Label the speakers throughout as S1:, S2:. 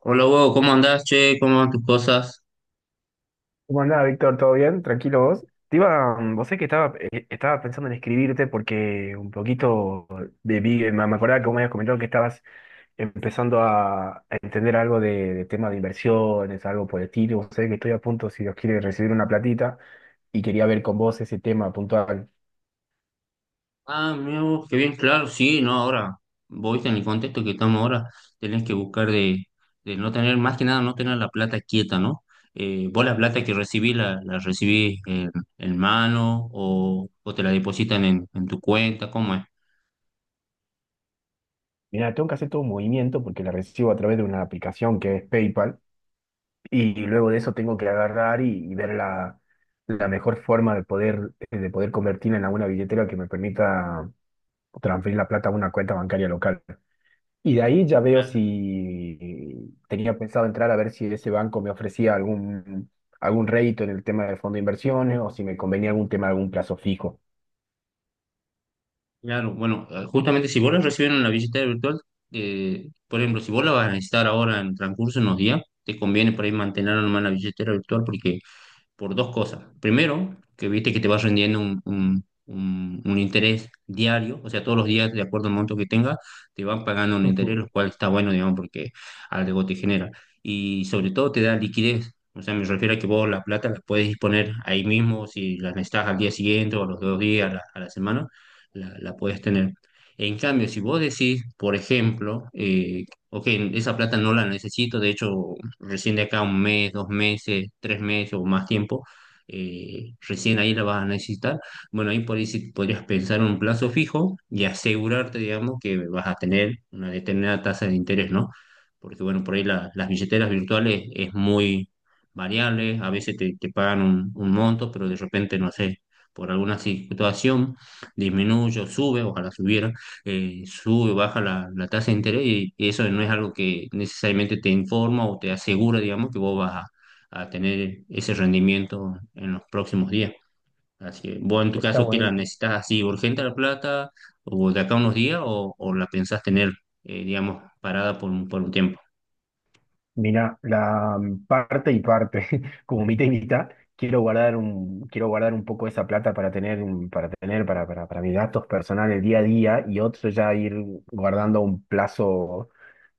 S1: Hola, Hugo, ¿cómo andás, che? ¿Cómo van tus cosas?
S2: ¿Cómo andás, Víctor? ¿Todo bien? ¿Tranquilo vos? Te iba, vos sé que estaba, estaba pensando en escribirte porque un poquito de, me acordaba que vos me habías comentado que estabas empezando a entender algo de tema de inversiones, algo por el estilo. Vos sé que estoy a punto, si Dios quiere, de recibir una platita y quería ver con vos ese tema puntual.
S1: Ah, mira vos, qué bien, claro, sí, no, ahora, vos en el contexto que estamos ahora, tenés que buscar de no tener, más que nada, no tener la plata quieta, ¿no? Vos la plata que recibís, la recibís en mano o te la depositan en tu cuenta, ¿cómo es?
S2: Mirá, tengo que hacer todo un movimiento porque la recibo a través de una aplicación que es PayPal, y luego de eso tengo que agarrar y ver la, la mejor forma de poder convertirla en alguna billetera que me permita transferir la plata a una cuenta bancaria local. Y de ahí ya veo
S1: Claro,
S2: si tenía pensado entrar a ver si ese banco me ofrecía algún, algún rédito en el tema de fondo de inversiones o si me convenía algún tema de algún plazo fijo.
S1: claro, bueno, justamente si vos la recibís en la billetera virtual, por ejemplo, si vos la vas a necesitar ahora en transcurso de unos días, te conviene por ahí mantener nomás la billetera virtual porque por dos cosas. Primero, que viste que te vas rendiendo un interés diario, o sea, todos los días, de acuerdo al monto que tengas, te van pagando un interés,
S2: Ujú.
S1: lo cual está bueno, digamos, porque algo te genera. Y sobre todo te da liquidez. O sea, me refiero a que vos la plata la puedes disponer ahí mismo, si la necesitas al día siguiente o a los 2 días, a la semana, la puedes tener. En cambio, si vos decís, por ejemplo, ok, esa plata no la necesito, de hecho recién de acá a un mes, 2 meses, 3 meses o más tiempo, recién ahí la vas a necesitar. Bueno, ahí por ahí sí podrías pensar en un plazo fijo y asegurarte, digamos, que vas a tener una determinada tasa de interés, ¿no? Porque, bueno, por ahí las billeteras virtuales es muy variable, a veces te pagan un monto, pero de repente, no sé, por alguna situación disminuye o sube, ojalá subiera sube o baja la tasa de interés y eso no es algo que necesariamente te informa o te asegura, digamos, que vos vas a tener ese rendimiento en los próximos días. Así que vos en tu
S2: Está
S1: caso, que la
S2: buenísimo.
S1: necesitas así urgente la plata o de acá a unos días o la pensás tener, digamos, parada por un tiempo.
S2: Mira, la parte y parte, como mitad y mitad, quiero guardar un poco esa plata para tener, para tener, para mis gastos personales día a día, y otro ya ir guardando un plazo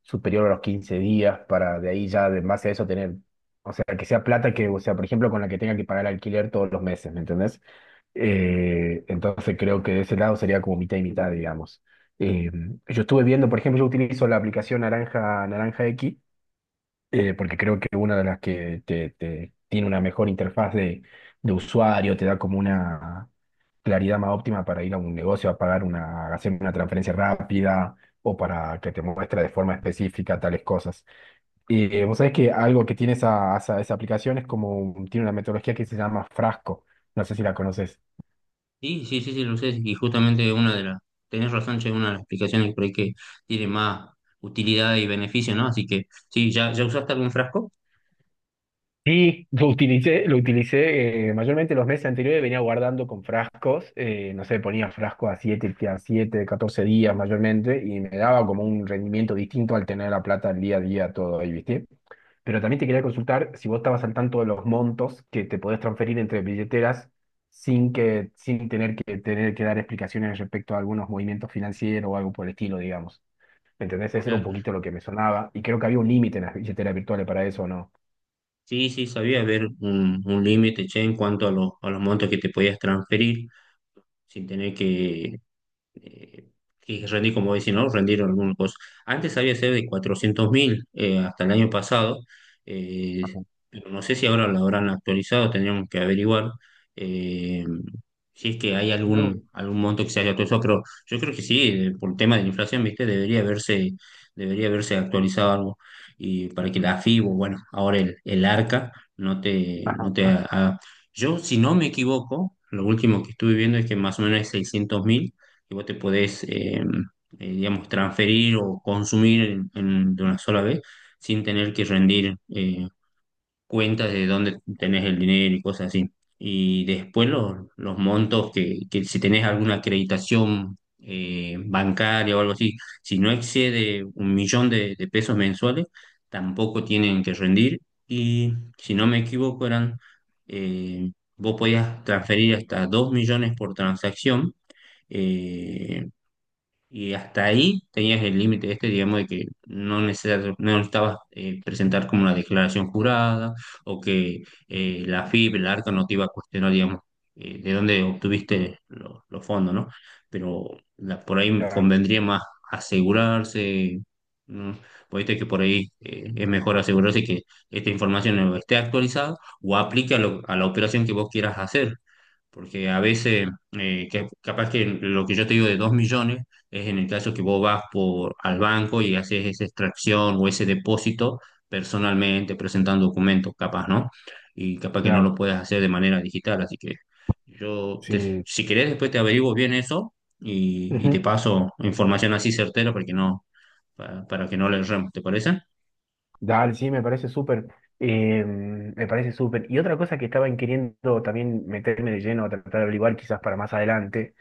S2: superior a los 15 días, para de ahí ya, de- en base a eso, tener, o sea, que sea plata que, o sea, por ejemplo, con la que tenga que pagar el alquiler todos los meses, ¿me entendés? Entonces creo que de ese lado sería como mitad y mitad, digamos. Eh, yo estuve viendo, por ejemplo, yo utilizo la aplicación Naranja, Naranja X, porque creo que una de las que te, tiene una mejor interfaz de usuario, te da como una claridad más óptima para ir a un negocio a pagar una, hacer una transferencia rápida o para que te muestre de forma específica tales cosas. Y vos sabés que algo que tiene esa, esa, esa aplicación es como, tiene una metodología que se llama Frasco, no sé si la conoces.
S1: Sí, sí, sí, sí, lo sé. Y justamente una de las, tenés razón, che, una de las explicaciones por ahí que tiene más utilidad y beneficio, ¿no? Así que, sí, ¿ya, ya usaste algún frasco?
S2: Sí, lo utilicé, lo utilicé, mayormente los meses anteriores, venía guardando con frascos, no sé, ponía frascos a 7, a 7, 14 días mayormente, y me daba como un rendimiento distinto al tener la plata día a día todo ahí, ¿viste? Pero también te quería consultar si vos estabas al tanto de los montos que te podés transferir entre billeteras sin que, sin tener que tener que dar explicaciones respecto a algunos movimientos financieros o algo por el estilo, digamos. ¿Me entendés? Eso era un poquito lo que me sonaba, y creo que había un límite en las billeteras virtuales para eso, ¿no?
S1: Sí, sí, sabía haber un límite, che, en cuanto a los montos que te podías transferir sin tener que, eh, y rendí, como dicen, ¿no? Rendieron algunos cosas. Antes había sido de 400.000 hasta el año pasado, eh,
S2: O
S1: pero no sé si ahora lo habrán actualizado, tendríamos que averiguar eh, si es que hay
S2: no.
S1: algún,
S2: No.
S1: algún monto que se haya actualizado, pero yo creo que sí, por el tema de la inflación, ¿viste? Debería haberse actualizado algo y para que la FIBO, bueno, ahora el ARCA no te, no te
S2: Ajá,
S1: ha- Yo, si no me equivoco, lo último que estuve viendo es que más o menos es 600.000 que vos te podés, digamos, transferir o consumir de una sola vez sin tener que rendir cuentas de dónde tenés el dinero y cosas así. Y después los montos que si tenés alguna acreditación bancaria o algo así, si no excede 1.000.000 de pesos mensuales, tampoco tienen que rendir. Y si no me equivoco, eran, eh, vos podías transferir hasta 2.000.000 por transacción. Eh, y hasta ahí tenías el límite este, digamos, de que no necesitas, no necesitabas presentar como una declaración jurada o que la FIP, el ARCA no te iba a cuestionar, digamos, de dónde obtuviste los fondos, ¿no? Pero por ahí me
S2: claro,
S1: convendría más asegurarse, ¿no? Porque viste que por ahí es mejor asegurarse que esta información no esté actualizada o aplique a la operación que vos quieras hacer. Porque a veces, capaz que lo que yo te digo de 2.000.000 es en el caso que vos vas por, al banco y haces esa extracción o ese depósito personalmente, presentando documentos, capaz, ¿no? Y capaz que no
S2: claro,
S1: lo puedes hacer de manera digital. Así que yo,
S2: sí.
S1: si querés, después te averiguo bien eso y te
S2: Ujú.
S1: paso información así certera para que no le erremos, ¿te parece?
S2: Dale, sí, me parece súper. Me parece súper. Y otra cosa que estaba queriendo también meterme de lleno a tratar de averiguar, quizás para más adelante,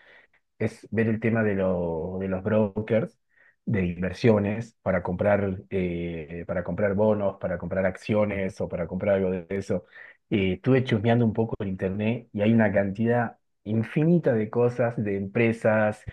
S2: es ver el tema de, de los brokers de inversiones para comprar bonos, para comprar acciones o para comprar algo de eso. Estuve chusmeando un poco en internet y hay una cantidad infinita de cosas, de empresas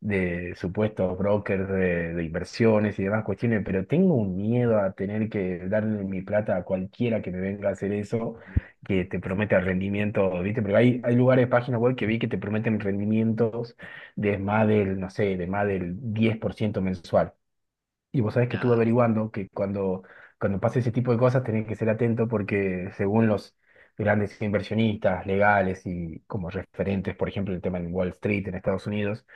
S2: de supuestos brokers de inversiones y demás cuestiones, pero tengo un miedo a tener que darle mi plata a cualquiera que me venga a hacer eso, que te promete rendimiento, ¿viste? Porque hay lugares, páginas web que vi que te prometen rendimientos de más del, no sé, de más del 10% mensual. Y vos sabés que estuve
S1: Ya,
S2: averiguando que cuando, cuando pasa ese tipo de cosas tenés que ser atento porque según los grandes inversionistas legales y como referentes, por ejemplo, el tema en Wall Street en Estados Unidos,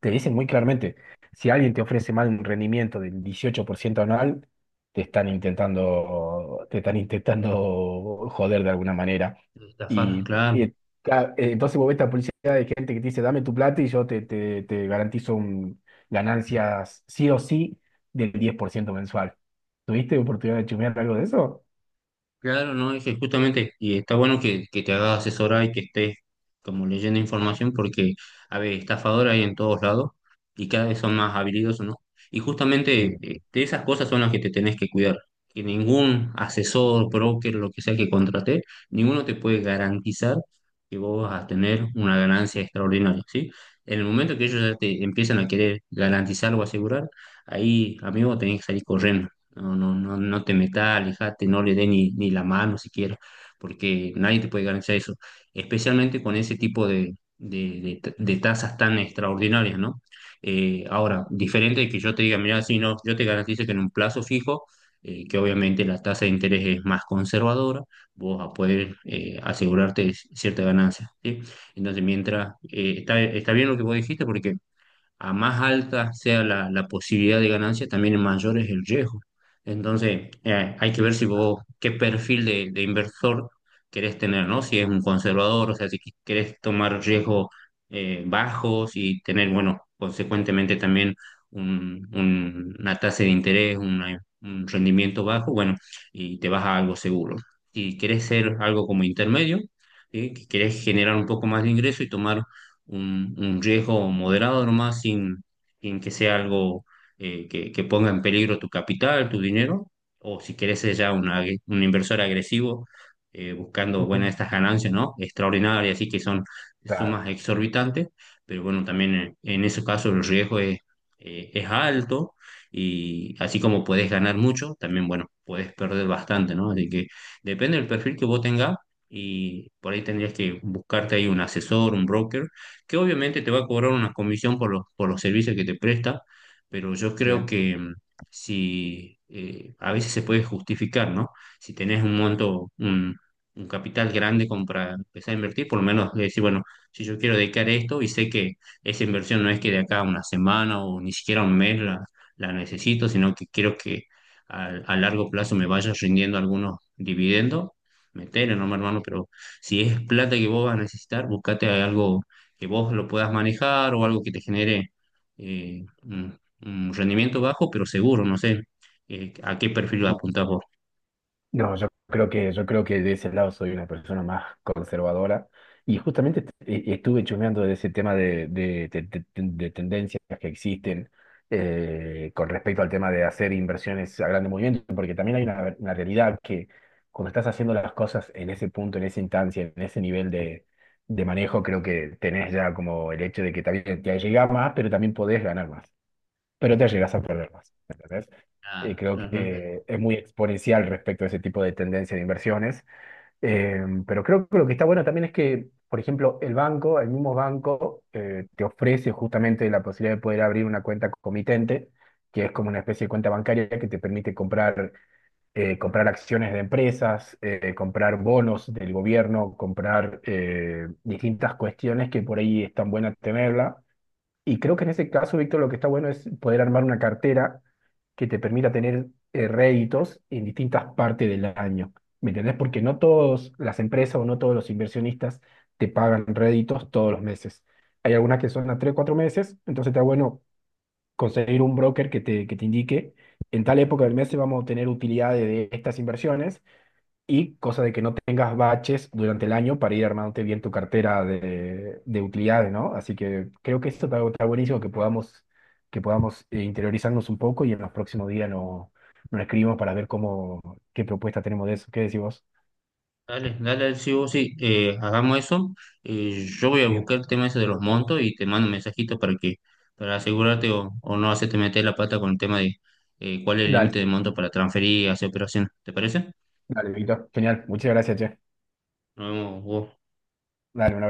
S2: te dicen muy claramente, si alguien te ofrece mal un rendimiento del 18% anual, te están intentando joder de alguna manera.
S1: estafar, claro.
S2: Y, entonces vos ves esta publicidad de gente que te dice, dame tu plata y yo te, te, te garantizo un, ganancias sí o sí del 10% mensual. ¿Tuviste oportunidad de chumear algo de eso?
S1: Claro, no, es que justamente, y está bueno que te hagas asesorar y que estés como leyendo información, porque, a ver, estafadores hay en todos lados y cada vez son más habilidosos, ¿no? Y justamente
S2: Sí.
S1: de esas cosas son las que te tenés que cuidar, que ningún asesor, broker, lo que sea que contrate, ninguno te puede garantizar que vos vas a tener una ganancia extraordinaria, ¿sí? En el momento que ellos ya te empiezan a querer garantizar o asegurar, ahí, amigo, tenés que salir corriendo. No, no, no, no te metas, alejate, no le dé ni, ni la mano siquiera, porque nadie te puede garantizar eso, especialmente con ese tipo de tasas tan extraordinarias, ¿no? Ahora, diferente de que yo te diga, mira, si no, yo te garantizo que en un plazo fijo, que obviamente la tasa de interés es más conservadora, vos vas a poder asegurarte cierta ganancia, ¿sí? Entonces, mientras, está bien lo que vos dijiste, porque a más alta sea la posibilidad de ganancia, también mayor es el riesgo. Entonces, hay que ver si vos, qué perfil de inversor querés tener, ¿no? Si es un conservador, o sea, si querés tomar riesgos bajos y tener, bueno, consecuentemente también una tasa de interés, un rendimiento bajo, bueno, y te vas a algo seguro. Si querés ser algo como intermedio, ¿sí? que querés generar un poco más de ingreso y tomar un riesgo moderado nomás, sin que sea algo que ponga en peligro tu capital, tu dinero, o si querés ser ya un inversor agresivo, buscando, bueno,
S2: Ujú.
S1: estas ganancias, ¿no? Extraordinarias, así que son
S2: Claro,
S1: sumas exorbitantes, pero bueno, también en ese caso el riesgo es alto. Y así como podés ganar mucho, también, bueno, podés perder bastante, ¿no? Así que depende del perfil que vos tengas y por ahí tendrías que buscarte ahí un asesor, un broker que obviamente te va a cobrar una comisión por por los servicios que te presta, pero yo creo
S2: bien.
S1: que si a veces se puede justificar, ¿no? Si tenés un monto, un capital grande como para empezar a invertir, por lo menos decir, bueno, si yo quiero dedicar esto y sé que esa inversión no es que de acá a una semana o ni siquiera un mes la necesito, sino que quiero que a largo plazo me vaya rindiendo algunos dividendos, metele, no, mi hermano, pero si es plata que vos vas a necesitar, buscate algo que vos lo puedas manejar o algo que te genere un rendimiento bajo, pero seguro, no sé a qué perfil apuntás vos.
S2: No, yo creo que de ese lado soy una persona más conservadora y justamente estuve chumeando de ese tema de, de tendencias que existen, con respecto al tema de hacer inversiones a grande movimiento, porque también hay una realidad que cuando estás haciendo las cosas en ese punto, en esa instancia, en ese nivel de manejo, creo que tenés ya como el hecho de que también te llega más, pero también podés ganar más pero te llegas a perder más, ¿entendés? Y
S1: Ah,
S2: creo
S1: ah, ah.
S2: que es muy exponencial respecto a ese tipo de tendencia de inversiones. Eh, pero creo que lo que está bueno también es que, por ejemplo, el banco, el mismo banco, te ofrece justamente la posibilidad de poder abrir una cuenta comitente, que es como una especie de cuenta bancaria que te permite comprar, comprar acciones de empresas, comprar bonos del gobierno, comprar distintas cuestiones que por ahí están buenas tenerla, y creo que en ese caso, Víctor, lo que está bueno es poder armar una cartera que te permita tener réditos en distintas partes del año. ¿Me entendés? Porque no todas las empresas o no todos los inversionistas te pagan réditos todos los meses. Hay algunas que son a 3 4 meses, entonces está bueno conseguir un broker que te indique, en tal época del mes vamos a tener utilidades de estas inversiones y cosa de que no tengas baches durante el año para ir armándote bien tu cartera de utilidades, ¿no? Así que creo que esto está, está buenísimo que podamos interiorizarnos un poco y en los próximos días nos, nos escribimos para ver cómo, qué propuesta tenemos de eso. ¿Qué decís vos?
S1: Dale, dale, sí, vos sí, hagamos eso. Yo voy a
S2: Bien.
S1: buscar el tema ese de los montos y te mando un mensajito para que, para asegurarte o no hacerte meter la pata con el tema de cuál es el límite
S2: Dale,
S1: de monto para transferir hacia hacer operaciones. ¿Te parece?
S2: dale, Víctor. Genial. Muchas gracias, che.
S1: Nos vemos vos.
S2: Dale, un abrazo.